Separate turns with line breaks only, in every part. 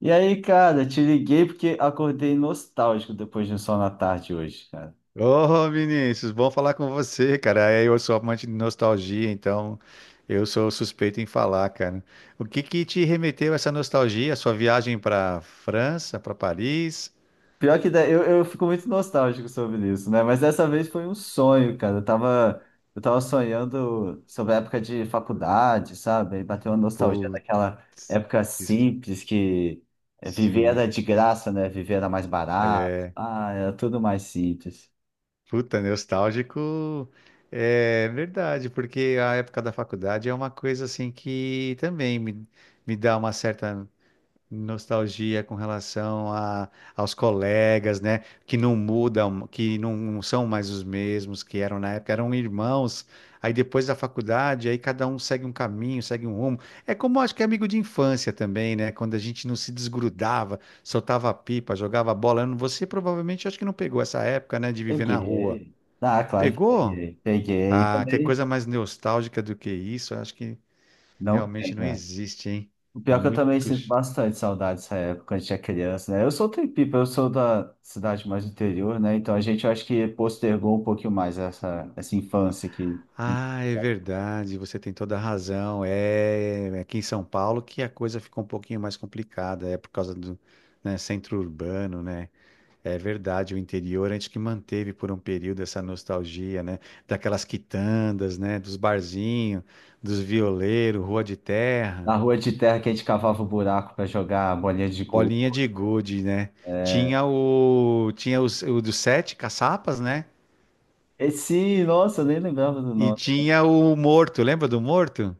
E aí, cara, te liguei porque acordei nostálgico depois de um sol na tarde hoje, cara.
Ô, Vinícius, bom falar com você, cara. Eu sou amante de nostalgia, então eu sou suspeito em falar, cara. O que que te remeteu a essa nostalgia? Sua viagem para França, para Paris?
Pior que eu fico muito nostálgico sobre isso, né? Mas dessa vez foi um sonho, cara. Eu tava sonhando sobre a época de faculdade, sabe? Aí bateu uma nostalgia
Putz,
daquela época
isso-
simples que viver
sim.
era de graça, né? Viver era mais
É,
barato. Ah, era tudo mais simples.
Puta, nostálgico é verdade, porque a época da faculdade é uma coisa assim que também me dá uma certa nostalgia com relação a, aos colegas, né? Que não mudam, que não são mais os mesmos que eram na época, eram irmãos. Aí depois da faculdade, aí cada um segue um caminho, segue um rumo. É como acho que é amigo de infância também, né? Quando a gente não se desgrudava, soltava pipa, jogava bola. Eu não- Você provavelmente acho que não pegou essa época, né? De viver na rua.
Peguei. Ah, claro que
Pegou?
peguei. Peguei. E
Ah, que
também
coisa mais nostálgica do que isso? Eu acho que
não tem.
realmente não
Né?
existe, hein?
O pior é que eu também
Muito.
sinto bastante saudade dessa época, quando a gente é criança, né? Eu sou Tempipa, eu sou da cidade mais do interior, né? Então a gente, eu acho que postergou um pouquinho mais essa infância que
Ah, é verdade, você tem toda a razão. Aqui em São Paulo que a coisa ficou um pouquinho mais complicada, é por causa né, centro urbano, né? É verdade, o interior antes que manteve por um período essa nostalgia, né? Daquelas quitandas, né? Dos barzinhos, dos violeiros, rua de terra,
na rua de terra que a gente cavava o buraco para jogar bolinha de gude.
bolinha de gude, né? Tinha tinha o dos sete caçapas, né?
E sim, nossa, eu nem lembrava do
E
nome.
tinha o morto, lembra do morto?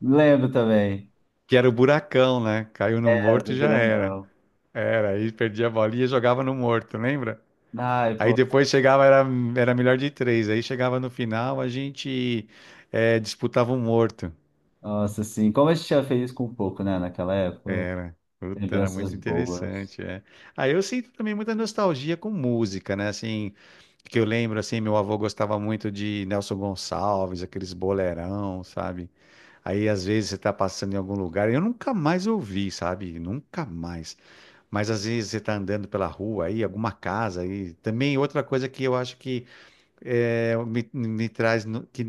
Lembro também,
Que era o buracão, né? Caiu no
é,
morto
do
e já era.
grandão.
Era, aí perdia a bolinha e jogava no morto, lembra?
Ai,
Aí
pô,
depois chegava, era melhor de três. Aí chegava no final, a gente disputava um morto.
nossa, assim, como a gente tinha feliz com pouco, né, naquela época.
Era, puta, era
Lembranças
muito
boas.
interessante, é. Aí eu sinto também muita nostalgia com música, né? Assim, que eu lembro, assim, meu avô gostava muito de Nelson Gonçalves, aqueles bolerão, sabe? Aí às vezes você tá passando em algum lugar, eu nunca mais ouvi, sabe? Nunca mais. Mas às vezes você tá andando pela rua aí, alguma casa aí. Também outra coisa que eu acho que me traz, no- que,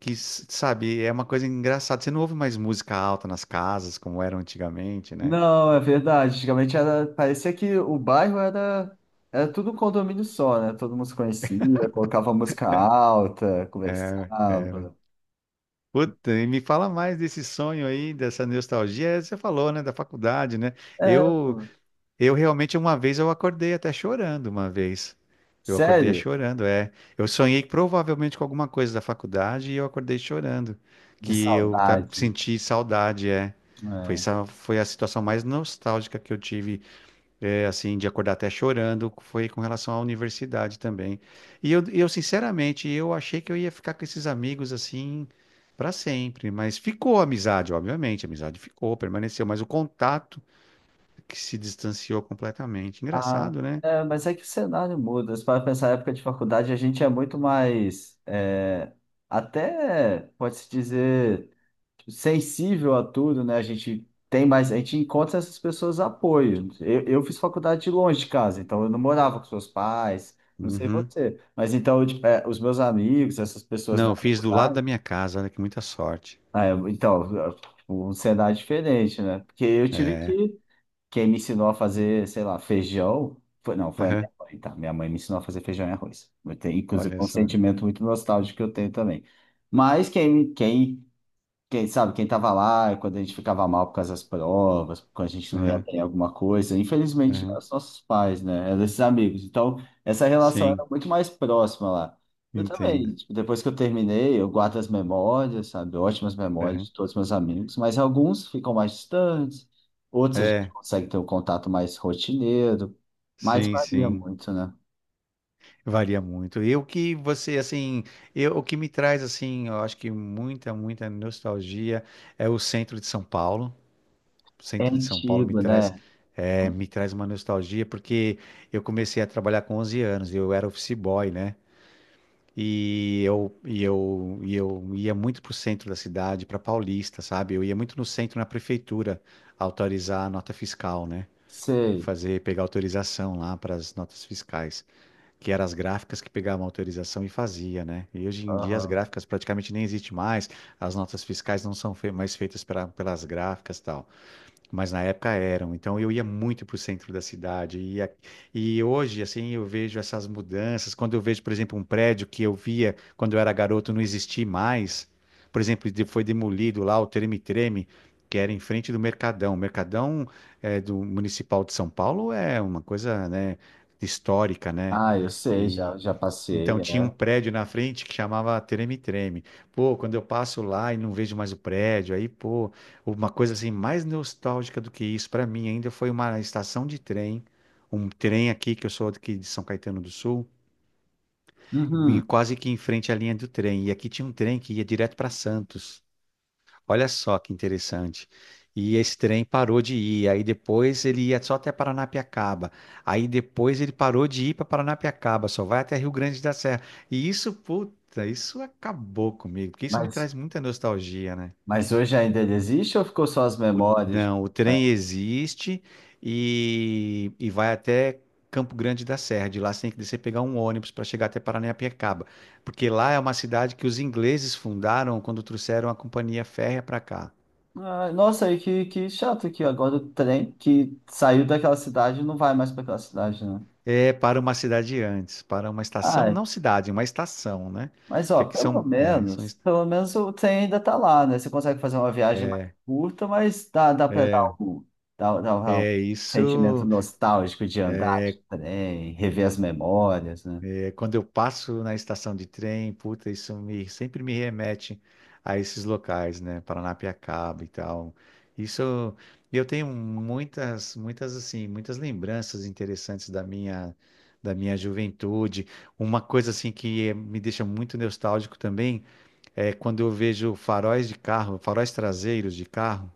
que, sabe, é uma coisa engraçada. Você não ouve mais música alta nas casas, como era antigamente, né?
Não, é verdade. Antigamente era, parecia que o bairro era, era tudo um condomínio só, né? Todo mundo se conhecia, colocava música alta,
É,
conversava.
puta, e me fala mais desse sonho aí, dessa nostalgia. É, você falou, né, da faculdade, né?
É,
Eu,
pô.
eu realmente uma vez eu acordei até chorando uma vez. Eu acordei
Sério?
chorando, é. Eu sonhei provavelmente com alguma coisa da faculdade e eu acordei chorando,
De
que eu
saudade.
senti saudade, é.
É.
Foi a situação mais nostálgica que eu tive é, assim, de acordar até chorando, foi com relação à universidade também. Eu, sinceramente, eu achei que eu ia ficar com esses amigos assim para sempre, mas ficou a amizade, obviamente, a amizade ficou, permaneceu, mas o contato que se distanciou completamente.
Ah,
Engraçado, né?
é, mas é que o cenário muda. Se para pensar na época de faculdade, a gente é muito mais, é, até, pode-se dizer, sensível a tudo, né? A gente tem mais, a gente encontra essas pessoas apoio. Eu fiz faculdade de longe de casa, então eu não morava com seus pais, não sei
Uhum.
você, mas então tipo, é, os meus amigos, essas pessoas
Não, eu
da
fiz do lado
faculdade,
da minha casa, olha que muita sorte.
ah, eu- então eu- um cenário diferente, né? Porque eu tive
É,
que quem me ensinou a fazer, sei lá, feijão foi, não, foi a
aham.
minha mãe, tá? Minha mãe me ensinou a fazer feijão e arroz. Eu tenho, inclusive,
Olha
um
só.
sentimento muito nostálgico que eu tenho também. Mas quem sabe, quem tava lá, quando a gente ficava mal por causa das provas, quando a gente não ia
Aham,
bem em alguma coisa, infelizmente não eram
aham.
os nossos pais, né? Eram esses amigos. Então, essa relação era
Sim,
muito mais próxima lá. Eu
entendo.
também, tipo, depois que eu terminei, eu guardo as memórias, sabe? Ótimas memórias
Aham.
de todos os meus amigos, mas alguns ficam mais distantes, outros a gente
É,
consegue ter um contato mais rotineiro, mas
sim,
varia
sim.
muito, né?
Varia muito. E o que você, assim, o que me traz, assim, eu acho que muita nostalgia é o centro de São Paulo. O
É
centro de São Paulo me
antigo, né?
me traz uma nostalgia, porque eu comecei a trabalhar com 11 anos, eu era office boy, né? E eu ia muito para o centro da cidade, para Paulista, sabe? Eu ia muito no centro, na prefeitura, autorizar a nota fiscal, né?
Sei.
Fazer, pegar autorização lá para as notas fiscais que eram as gráficas que pegavam a autorização e fazia, né? E hoje em dia as
Aham.
gráficas praticamente nem existem mais, as notas fiscais não são fei- mais feitas pelas gráficas e tal, mas na época eram. Então eu ia muito para o centro da cidade. E hoje, assim, eu vejo essas mudanças. Quando eu vejo, por exemplo, um prédio que eu via quando eu era garoto não existir mais, por exemplo, foi demolido lá o Treme-Treme, que era em frente do Mercadão. O Mercadão é, do Municipal de São Paulo é uma coisa, né, histórica, né?
Ah, eu sei, já, já
Então
passei, é.
tinha um prédio na frente que chamava Treme-Treme. Pô, quando eu passo lá e não vejo mais o prédio, aí, pô, uma coisa assim mais nostálgica do que isso para mim ainda foi uma estação de trem, um trem aqui que eu sou aqui de São Caetano do Sul, e
Uhum.
quase que em frente à linha do trem. E aqui tinha um trem que ia direto para Santos. Olha só que interessante. E esse trem parou de ir. Aí depois ele ia só até Paranapiacaba. Aí depois ele parou de ir para Paranapiacaba, só vai até Rio Grande da Serra. E isso, puta, isso acabou comigo, porque isso me traz
Mas,
muita nostalgia, né?
mas hoje ainda ele existe ou ficou só as memórias?
Não, o
É.
trem existe e vai até Campo Grande da Serra. De lá você tem que descer e pegar um ônibus para chegar até Paranapiacaba, porque lá é uma cidade que os ingleses fundaram quando trouxeram a companhia férrea para cá.
Ah, nossa, e que chato que agora o trem que saiu daquela cidade não vai mais para aquela cidade, né?
É para uma cidade antes, para uma estação,
Ai,
não cidade, uma estação, né?
mas
Que
ó,
aqui são, é, são est-
pelo menos o trem ainda tá lá, né? Você consegue fazer uma viagem mais curta, mas dá, dá para dar
é,
um, dá, dá um
é
sentimento
isso.
nostálgico de andar de trem, rever as memórias, né?
É, quando eu passo na estação de trem, puta, isso me sempre me remete a esses locais, né? Paranapiacaba e tal. Isso, eu tenho muitas assim, muitas lembranças interessantes da minha juventude. Uma coisa assim que me deixa muito nostálgico também é quando eu vejo faróis de carro, faróis traseiros de carro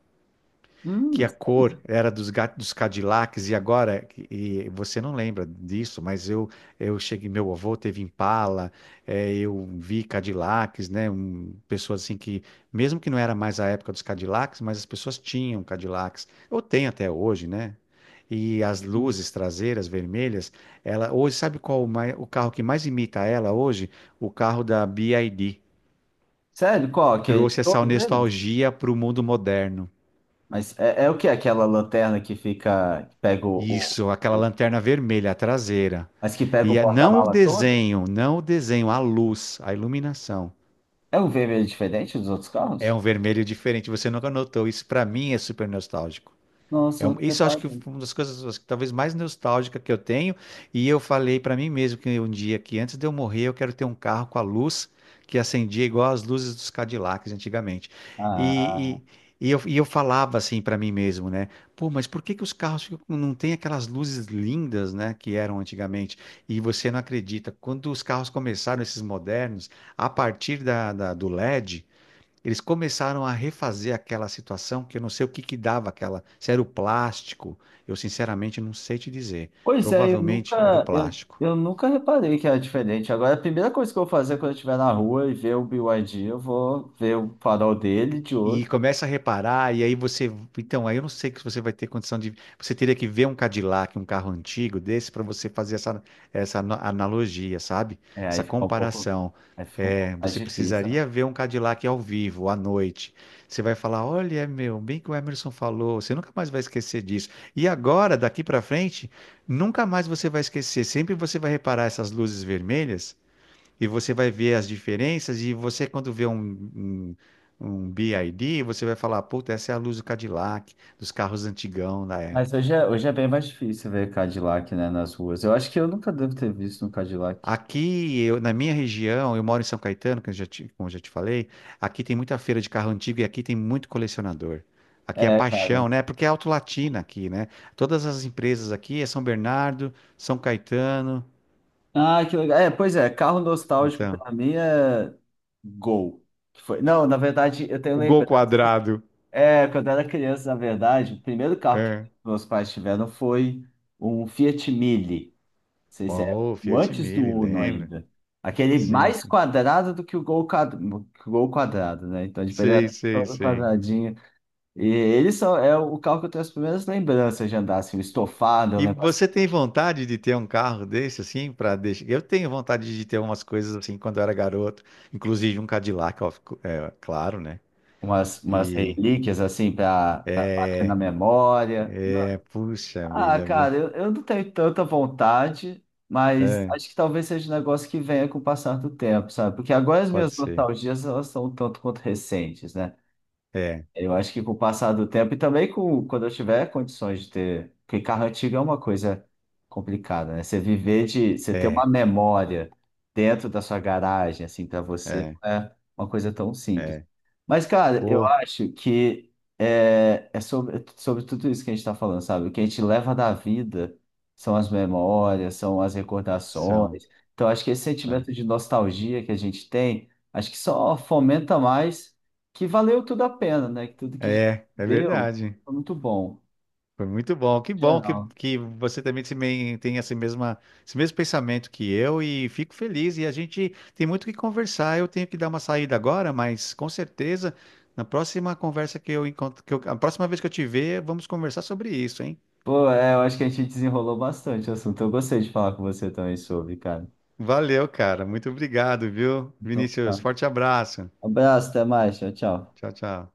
que a
Sério?
cor era dos Cadillacs e agora e você não lembra disso, mas eu cheguei, meu avô teve Impala, eu vi Cadillacs, né, um, pessoas assim que mesmo que não era mais a época dos Cadillacs, mas as pessoas tinham Cadillacs, ou tem até hoje, né? E as luzes traseiras vermelhas, ela hoje sabe qual o carro que mais imita ela hoje? O carro da BYD.
Sério, qual? Que,
Trouxe essa
todos eles?
nostalgia para o mundo moderno.
Mas é, é o que? Aquela lanterna que fica, que pega
Isso, aquela
o-
lanterna vermelha, a traseira.
mas que pega o
Não o
porta-mala todo?
desenho, não o desenho, a luz, a iluminação.
É um vermelho diferente dos outros
É
carros?
um vermelho diferente. Você nunca notou. Isso para mim é super nostálgico.
Nossa, eu não
Isso eu acho que
reparei.
foi uma das coisas acho que talvez mais nostálgica que eu tenho. E eu falei pra mim mesmo que um dia que antes de eu morrer eu quero ter um carro com a luz que acendia igual as luzes dos Cadillacs antigamente.
Ah,
E, e eu falava assim pra mim mesmo, né? Pô, mas por que que os carros não têm aquelas luzes lindas, né, que eram antigamente? E você não acredita, quando os carros começaram, esses modernos, a partir do LED, eles começaram a refazer aquela situação que eu não sei o que que dava aquela. Se era o plástico, eu sinceramente não sei te dizer.
pois é, eu
Provavelmente era o
nunca, eu,
plástico.
eu nunca reparei que era diferente. Agora, a primeira coisa que eu vou fazer quando eu estiver na rua e ver o BYD, eu vou ver o farol dele e de
E
outro.
começa a reparar, e aí você. Então, aí eu não sei que você vai ter condição de. Você teria que ver um Cadillac, um carro antigo desse, para você fazer essa analogia, sabe?
É,
Essa
aí fica um pouco,
comparação.
aí fica um pouco
É,
mais
você
difícil, né?
precisaria ver um Cadillac ao vivo, à noite. Você vai falar: olha, é meu, bem que o Emerson falou, você nunca mais vai esquecer disso. E agora, daqui para frente, nunca mais você vai esquecer. Sempre você vai reparar essas luzes vermelhas e você vai ver as diferenças. E você, quando vê um, um BID, você vai falar: puta, essa é a luz do Cadillac, dos carros antigão da
Mas
época.
hoje é bem mais difícil ver Cadillac, né, nas ruas. Eu acho que eu nunca devo ter visto um Cadillac.
Aqui, eu, na minha região, eu moro em São Caetano, que eu já te, como eu já te falei, aqui tem muita feira de carro antigo e aqui tem muito colecionador. Aqui é
É,
paixão, né? Porque é Auto Latina aqui, né? Todas as empresas aqui é São Bernardo, São Caetano,
ah, que legal. É, pois é, carro nostálgico
então.
pra mim é Gol. Que foi. Não, na verdade, eu tenho
O Gol
lembrado.
Quadrado.
É, quando eu era criança, na verdade, o primeiro carro que
É.
meus pais tiveram foi um Fiat Mille. Não sei se é
Oh,
o
Fiat
antes do
Mille,
Uno
lembra?
ainda. Aquele
Sim,
mais
sim.
quadrado do que o Gol, quad... que o Gol quadrado, né? Então, tipo, ele
Sei,
era
sei,
todo
sei.
quadradinho. E ele só é o carro que eu tenho as primeiras lembranças de andar, assim, o estofado, eu
E
lembro
você tem vontade de ter um carro desse, assim, para deixar? Eu tenho vontade de ter umas coisas assim quando eu era garoto, inclusive um Cadillac, ó, claro, né?
umas, umas
E
relíquias assim para bater na
é,
memória.
é,
Não.
puxa
Ah,
vida, viu?
cara, eu não tenho tanta vontade, mas
É,
acho que talvez seja um negócio que venha com o passar do tempo, sabe? Porque agora as
pode
minhas
ser.
nostalgias elas são um tanto quanto recentes, né?
É,
Eu acho que com o passar do tempo e também com, quando eu tiver condições de ter. Porque carro antigo é uma coisa complicada, né? Você viver de. Você ter uma
é,
memória dentro da sua garagem, assim, para você,
é,
não é uma coisa tão simples.
é.
Mas, cara, eu
Pô,
acho que é, é sobre, sobre tudo isso que a gente está falando, sabe? O que a gente leva da vida são as memórias, são as
são,
recordações. Então, acho que esse
são.
sentimento de nostalgia que a gente tem, acho que só fomenta mais que valeu tudo a pena, né? Que tudo que a gente
É, é
deu
verdade.
foi muito bom,
Foi muito bom. Que bom
geral.
que você também se men- tem esse mesma, esse mesmo pensamento que eu e fico feliz. E a gente tem muito o que conversar. Eu tenho que dar uma saída agora, mas com certeza, na próxima conversa que eu encontro, a próxima vez que eu te ver, vamos conversar sobre isso, hein?
Pô, é, eu acho que a gente desenrolou bastante o assunto. Eu gostei de falar com você também sobre, cara.
Valeu, cara. Muito obrigado, viu?
Então,
Vinícius,
tá.
forte abraço.
Abraço, até mais. Tchau, tchau.
Tchau, tchau.